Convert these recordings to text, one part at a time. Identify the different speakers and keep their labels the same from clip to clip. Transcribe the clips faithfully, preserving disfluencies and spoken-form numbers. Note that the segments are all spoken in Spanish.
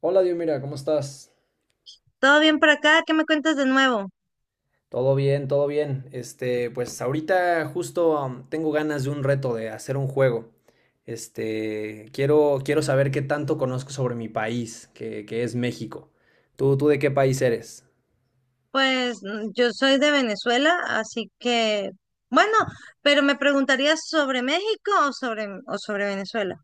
Speaker 1: Hola, Dios, mira, ¿cómo estás?
Speaker 2: ¿Todo bien por acá? ¿Qué me cuentas de nuevo?
Speaker 1: Todo bien, todo bien. Este, pues ahorita justo um, tengo ganas de un reto de hacer un juego. Este, quiero, quiero saber qué tanto conozco sobre mi país, que, que es México. ¿Tú, tú de qué país eres?
Speaker 2: Pues mm, yo soy de Venezuela, así que, bueno, pero me preguntarías sobre México o sobre, o sobre Venezuela.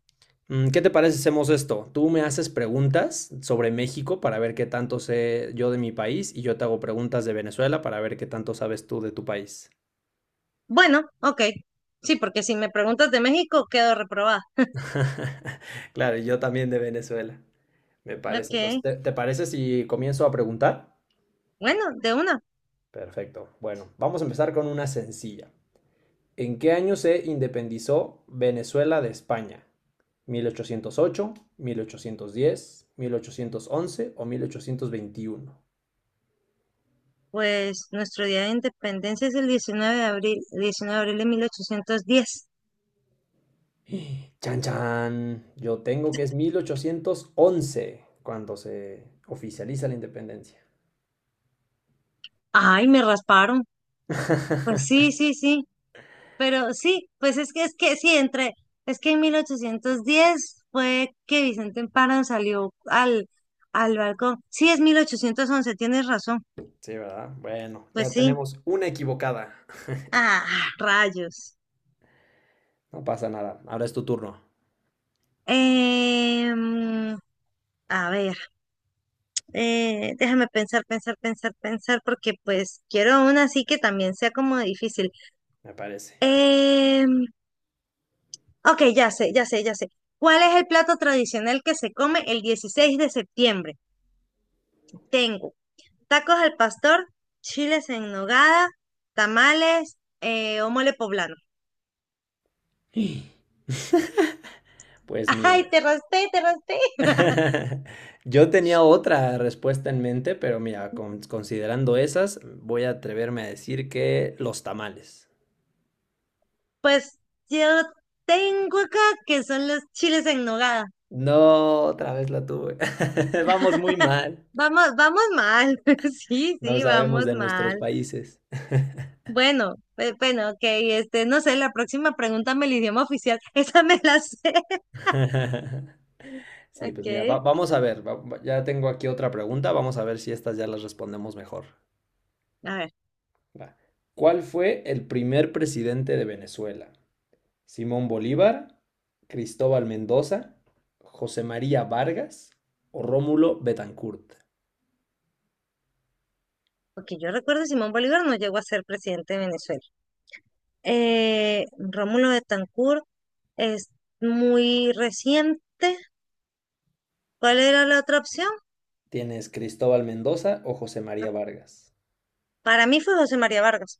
Speaker 1: Mm, ¿Qué te parece si hacemos esto? Tú me haces preguntas sobre México para ver qué tanto sé yo de mi país y yo te hago preguntas de Venezuela para ver qué tanto sabes tú de tu país.
Speaker 2: Bueno, ok. Sí, porque si me preguntas de México, quedo reprobada.
Speaker 1: Claro, y yo también de Venezuela. Me
Speaker 2: Ok.
Speaker 1: parece. Entonces, ¿te, te parece si comienzo a preguntar?
Speaker 2: Bueno, de una.
Speaker 1: Perfecto. Bueno, vamos a empezar con una sencilla. ¿En qué año se independizó Venezuela de España? mil mil ochocientos ochocientos ocho, mil ochocientos diez, mil ochocientos once o mil ochocientos veintiuno?
Speaker 2: Pues nuestro día de independencia es el diecinueve de abril, diecinueve de abril de mil ochocientos diez.
Speaker 1: Chan chan, yo tengo que es mil ochocientos once cuando se oficializa la independencia.
Speaker 2: Ay, me rasparon. Pues sí, sí, sí. Pero sí, pues es que es que sí, entre, es que en mil ochocientos diez fue que Vicente Emparan salió al, al balcón. Sí, es mil ochocientos once, tienes razón.
Speaker 1: Sí, ¿verdad? Bueno,
Speaker 2: Pues
Speaker 1: ya
Speaker 2: sí.
Speaker 1: tenemos una equivocada.
Speaker 2: Ah, rayos.
Speaker 1: No pasa nada. Ahora es tu turno,
Speaker 2: Em, a ver, eh, déjame pensar, pensar, pensar, pensar, porque pues quiero una así que también sea como difícil.
Speaker 1: me parece.
Speaker 2: Em, ok, ya sé, ya sé, ya sé. ¿Cuál es el plato tradicional que se come el dieciséis de septiembre? Tengo tacos al pastor, chiles en nogada, tamales eh, o mole poblano.
Speaker 1: Pues mira,
Speaker 2: Ay, te raspé, te raspé.
Speaker 1: yo tenía otra respuesta en mente, pero mira, con- considerando esas, voy a atreverme a decir que los tamales.
Speaker 2: Pues yo tengo acá que son los chiles en nogada.
Speaker 1: No, otra vez la tuve. Vamos muy mal.
Speaker 2: Vamos, vamos mal. Sí,
Speaker 1: No
Speaker 2: sí,
Speaker 1: sabemos
Speaker 2: vamos
Speaker 1: de nuestros
Speaker 2: mal.
Speaker 1: países.
Speaker 2: Bueno, pe- bueno, ok, este, no sé, la próxima pregúntame el idioma oficial. Esa me la sé.
Speaker 1: Sí,
Speaker 2: Ok.
Speaker 1: pues mira, va- vamos a ver. va- va- ya tengo aquí otra pregunta. Vamos a ver si estas ya las respondemos mejor.
Speaker 2: A ver,
Speaker 1: Va. ¿Cuál fue el primer presidente de Venezuela? Simón Bolívar, Cristóbal Mendoza, José María Vargas o Rómulo Betancourt.
Speaker 2: porque yo recuerdo Simón Bolívar no llegó a ser presidente de Venezuela. eh, Rómulo Betancourt es muy reciente. ¿Cuál era la otra opción?
Speaker 1: Tienes Cristóbal Mendoza o José María Vargas.
Speaker 2: Para mí fue José María Vargas.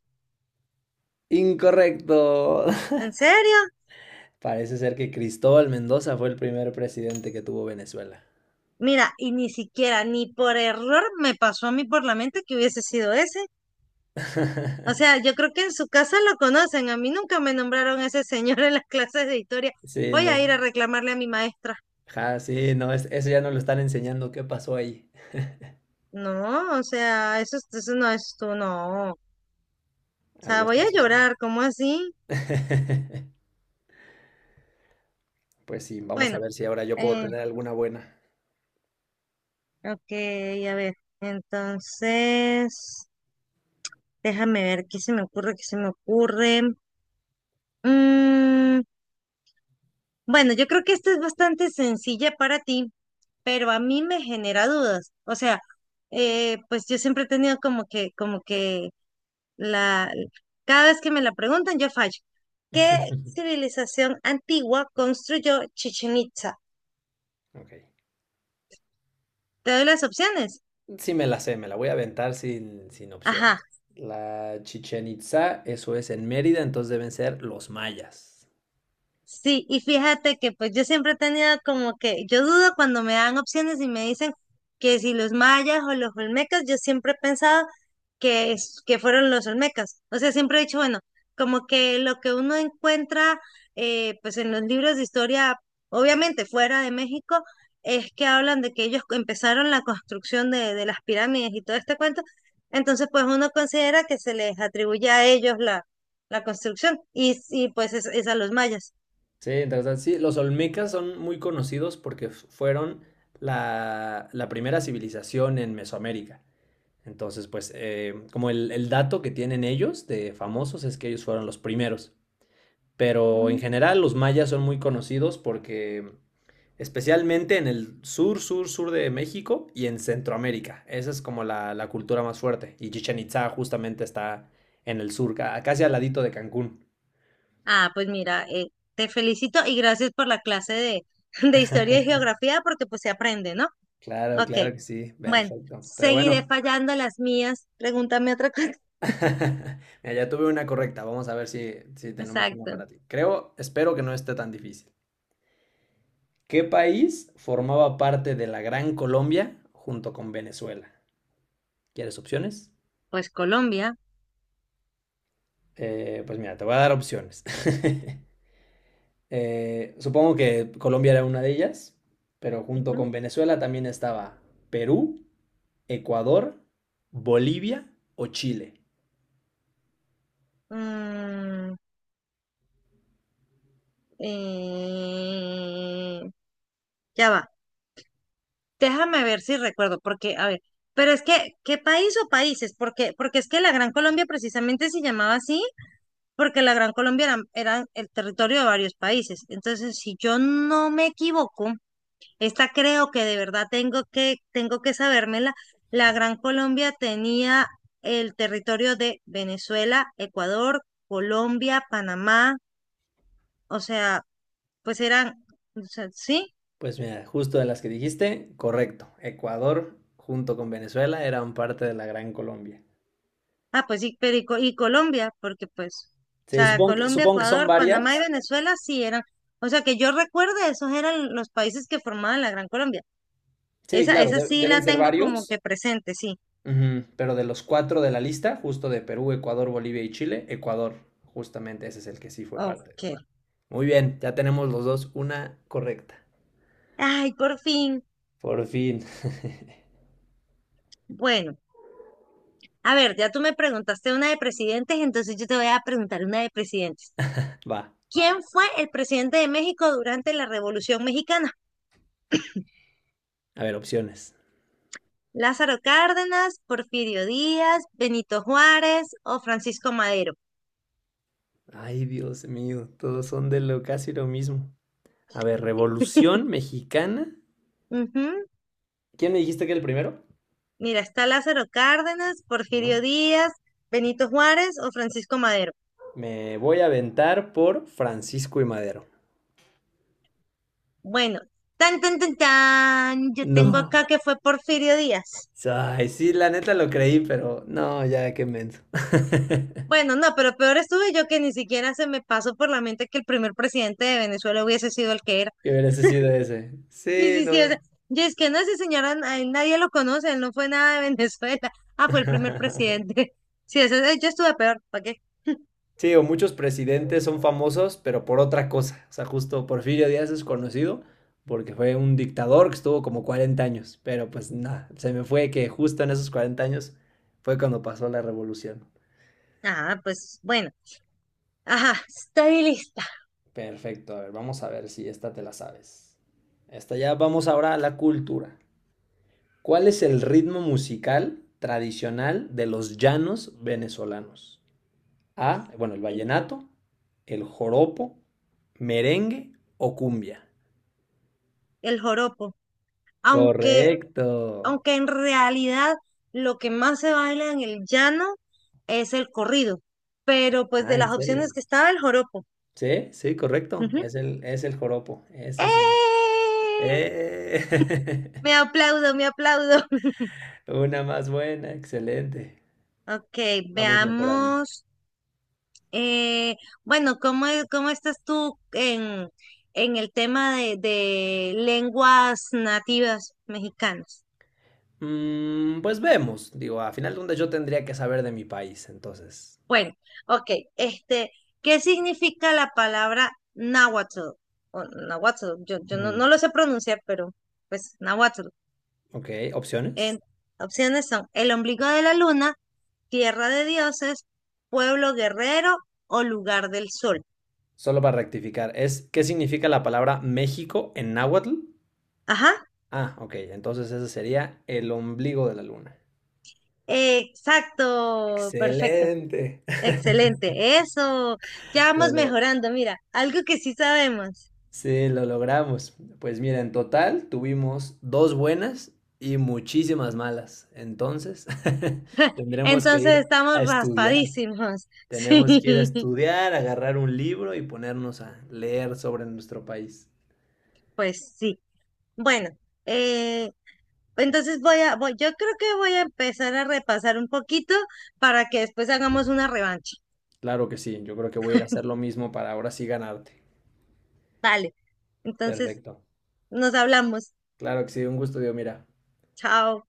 Speaker 1: Incorrecto.
Speaker 2: ¿En serio?
Speaker 1: Parece ser que Cristóbal Mendoza fue el primer presidente que tuvo Venezuela.
Speaker 2: Mira, y ni siquiera, ni por error me pasó a mí por la mente que hubiese sido ese. O sea, yo creo que en su casa lo conocen. A mí nunca me nombraron a ese señor en las clases de historia.
Speaker 1: Sí,
Speaker 2: Voy a
Speaker 1: no.
Speaker 2: ir a reclamarle a mi maestra.
Speaker 1: Ja, sí, no, es- eso ya no lo están enseñando. ¿Qué pasó ahí?
Speaker 2: No, o sea, eso, eso no es tú, no. O sea,
Speaker 1: Algo
Speaker 2: voy
Speaker 1: está
Speaker 2: a
Speaker 1: sucediendo.
Speaker 2: llorar, ¿cómo así?
Speaker 1: Pues sí, vamos a
Speaker 2: Bueno,
Speaker 1: ver si ahora yo puedo
Speaker 2: eh,
Speaker 1: tener alguna buena.
Speaker 2: ok, a ver, entonces, déjame ver qué se me ocurre, qué se me ocurre. Mm, bueno, yo creo que esta es bastante sencilla para ti, pero a mí me genera dudas. O sea, eh, pues yo siempre he tenido como que, como que la, cada vez que me la preguntan, yo fallo. ¿Qué civilización antigua construyó Chichen Itza?
Speaker 1: Ok.
Speaker 2: Te doy las opciones.
Speaker 1: Sí me la sé, me la voy a aventar sin, sin
Speaker 2: Ajá.
Speaker 1: opciones. La Chichen Itza, eso es en Mérida, entonces deben ser los mayas.
Speaker 2: Sí, y fíjate que pues yo siempre he tenido como que, yo dudo cuando me dan opciones y me dicen que si los mayas o los olmecas, yo siempre he pensado que, es- que fueron los olmecas. O sea, siempre he dicho, bueno, como que lo que uno encuentra eh, pues en los libros de historia, obviamente fuera de México, es que hablan de que ellos empezaron la construcción de, de las pirámides y todo este cuento. Entonces, pues uno considera que se les atribuye a ellos la, la construcción y, y pues es es a los mayas.
Speaker 1: Sí, interesante. Sí, los olmecas son muy conocidos porque f- fueron la, la primera civilización en Mesoamérica. Entonces, pues, eh, como el, el dato que tienen ellos de famosos es que ellos fueron los primeros. Pero en
Speaker 2: Mm.
Speaker 1: general los mayas son muy conocidos porque especialmente en el sur, sur, sur de México y en Centroamérica. Esa es como la, la cultura más fuerte. Y Chichen Itza justamente está en el sur, ca- casi al ladito de Cancún.
Speaker 2: Ah, pues mira, eh, te felicito y gracias por la clase de, de historia y geografía porque pues se aprende, ¿no?
Speaker 1: Claro,
Speaker 2: Ok,
Speaker 1: claro que sí,
Speaker 2: bueno,
Speaker 1: perfecto. Pero
Speaker 2: seguiré
Speaker 1: bueno,
Speaker 2: fallando las mías. Pregúntame otra cosa.
Speaker 1: mira, ya tuve una correcta. Vamos a ver si, si tenemos una
Speaker 2: Exacto.
Speaker 1: para ti. Creo, espero que no esté tan difícil. ¿Qué país formaba parte de la Gran Colombia junto con Venezuela? ¿Quieres opciones?
Speaker 2: Pues Colombia.
Speaker 1: Eh, pues mira, te voy a dar opciones. Eh, supongo que Colombia era una de ellas, pero junto con
Speaker 2: Ujú.
Speaker 1: Venezuela también estaba Perú, Ecuador, Bolivia o Chile.
Speaker 2: Mm, eh, ya va. Déjame ver si recuerdo, porque, a ver, pero es que, ¿qué país o países? Porque, porque es que la Gran Colombia precisamente se llamaba así porque la Gran Colombia era, era el territorio de varios países. Entonces, si yo no me equivoco, esta creo que de verdad tengo que, tengo que sabérmela, la Gran Colombia tenía el territorio de Venezuela, Ecuador, Colombia, Panamá, o sea, pues eran, o sea, sí,
Speaker 1: Pues mira, justo de las que dijiste, correcto. Ecuador junto con Venezuela eran parte de la Gran Colombia.
Speaker 2: ah, pues sí, pero y, Co- y Colombia, porque pues, o
Speaker 1: Sí,
Speaker 2: sea,
Speaker 1: supongo que,
Speaker 2: Colombia,
Speaker 1: supongo que son
Speaker 2: Ecuador, Panamá y
Speaker 1: varias.
Speaker 2: Venezuela sí eran. O sea, que yo recuerde, esos eran los países que formaban la Gran Colombia.
Speaker 1: Sí,
Speaker 2: Esa,
Speaker 1: claro,
Speaker 2: esa
Speaker 1: de-
Speaker 2: sí
Speaker 1: deben
Speaker 2: la
Speaker 1: ser
Speaker 2: tengo como
Speaker 1: varios.
Speaker 2: que presente, sí.
Speaker 1: Ujú, Pero de los cuatro de la lista, justo de Perú, Ecuador, Bolivia y Chile, Ecuador, justamente ese es el que sí fue parte
Speaker 2: Ok.
Speaker 1: de. Muy bien, ya tenemos los dos una correcta.
Speaker 2: Ay, por fin.
Speaker 1: Por fin.
Speaker 2: Bueno, a ver, ya tú me preguntaste una de presidentes, entonces yo te voy a preguntar una de presidentes.
Speaker 1: Va.
Speaker 2: ¿Quién fue el presidente de México durante la Revolución Mexicana?
Speaker 1: A ver, opciones.
Speaker 2: ¿Lázaro Cárdenas, Porfirio Díaz, Benito Juárez o Francisco Madero?
Speaker 1: Ay, Dios mío, todos son de lo casi lo mismo. A ver, Revolución Mexicana.
Speaker 2: Ujú.
Speaker 1: ¿Quién me dijiste que era el primero?
Speaker 2: Mira, está Lázaro Cárdenas,
Speaker 1: Ujú.
Speaker 2: Porfirio Díaz, Benito Juárez o Francisco Madero.
Speaker 1: Me voy a aventar por Francisco y Madero.
Speaker 2: Bueno, tan, tan, tan, tan. Yo tengo
Speaker 1: No.
Speaker 2: acá que fue Porfirio Díaz.
Speaker 1: Ay, sí, la neta lo creí, pero no, ya qué menso.
Speaker 2: Bueno, no, pero peor estuve yo que ni siquiera se me pasó por la mente que el primer presidente de Venezuela hubiese sido el que era.
Speaker 1: Que hubiese sido ese.
Speaker 2: Sí,
Speaker 1: Sí,
Speaker 2: sí, sí, o
Speaker 1: no.
Speaker 2: sea, yo es que no, ese señor a- a él nadie lo conoce, él no fue nada de Venezuela. Ah, fue el primer presidente. Sí, eso, eh, yo estuve peor, ¿para qué?
Speaker 1: Sí, o muchos presidentes son famosos, pero por otra cosa. O sea, justo Porfirio Díaz es conocido porque fue un dictador que estuvo como cuarenta años, pero pues nada, se me fue que justo en esos cuarenta años fue cuando pasó la revolución.
Speaker 2: Ah, pues bueno, ajá, estoy lista.
Speaker 1: Perfecto, a ver, vamos a ver si esta te la sabes. Esta ya vamos ahora a la cultura. ¿Cuál es el ritmo musical tradicional de los llanos venezolanos? A, bueno, el
Speaker 2: El,
Speaker 1: vallenato, el joropo, merengue o cumbia.
Speaker 2: el joropo. Aunque,
Speaker 1: Correcto.
Speaker 2: aunque en realidad lo que más se baila en el llano es el corrido. Pero pues
Speaker 1: Ah,
Speaker 2: de
Speaker 1: ¿en
Speaker 2: las opciones
Speaker 1: serio?
Speaker 2: que estaba el joropo.
Speaker 1: Sí, sí, correcto.
Speaker 2: Ujú.
Speaker 1: Es el, es el joropo. Ese es. el-
Speaker 2: ¡Eh!
Speaker 1: ¡Eh!
Speaker 2: Me aplaudo, me aplaudo.
Speaker 1: Una más buena, excelente.
Speaker 2: Ok,
Speaker 1: Vamos mejorando.
Speaker 2: veamos. eh, bueno, ¿cómo, es- cómo estás tú en, en el tema de, de lenguas nativas mexicanas?
Speaker 1: Mm, pues vemos. Digo, a final de cuentas yo tendría que saber de mi país, entonces.
Speaker 2: Bueno, ok, este, ¿qué significa la palabra náhuatl? O náhuatl, yo, yo no,
Speaker 1: Ujú.
Speaker 2: no lo sé pronunciar, pero pues náhuatl.
Speaker 1: Ok, opciones.
Speaker 2: En- Opciones son el ombligo de la luna, tierra de dioses, pueblo guerrero o lugar del sol.
Speaker 1: Solo para rectificar, es ¿qué significa la palabra México en náhuatl?
Speaker 2: Ajá.
Speaker 1: Ah, ok, entonces ese sería el ombligo de la luna.
Speaker 2: Exacto, perfecto,
Speaker 1: Excelente.
Speaker 2: excelente. Eso, ya
Speaker 1: Lo,
Speaker 2: vamos
Speaker 1: lo-
Speaker 2: mejorando. Mira, algo que sí sabemos.
Speaker 1: Sí, lo logramos. Pues mira, en total tuvimos dos buenas y muchísimas malas. Entonces, tendremos que
Speaker 2: Entonces
Speaker 1: ir a
Speaker 2: estamos
Speaker 1: estudiar.
Speaker 2: raspadísimos. Sí,
Speaker 1: Tenemos que ir a estudiar, agarrar un libro y ponernos a leer sobre nuestro país.
Speaker 2: pues sí. Bueno, eh, entonces voy a, voy, yo creo que voy a empezar a repasar un poquito para que después hagamos una revancha.
Speaker 1: Claro que sí, yo creo que voy a ir a hacer lo mismo para ahora sí ganarte.
Speaker 2: Vale, entonces
Speaker 1: Perfecto.
Speaker 2: nos hablamos.
Speaker 1: Claro que sí, un gusto, Dios, mira.
Speaker 2: Chao.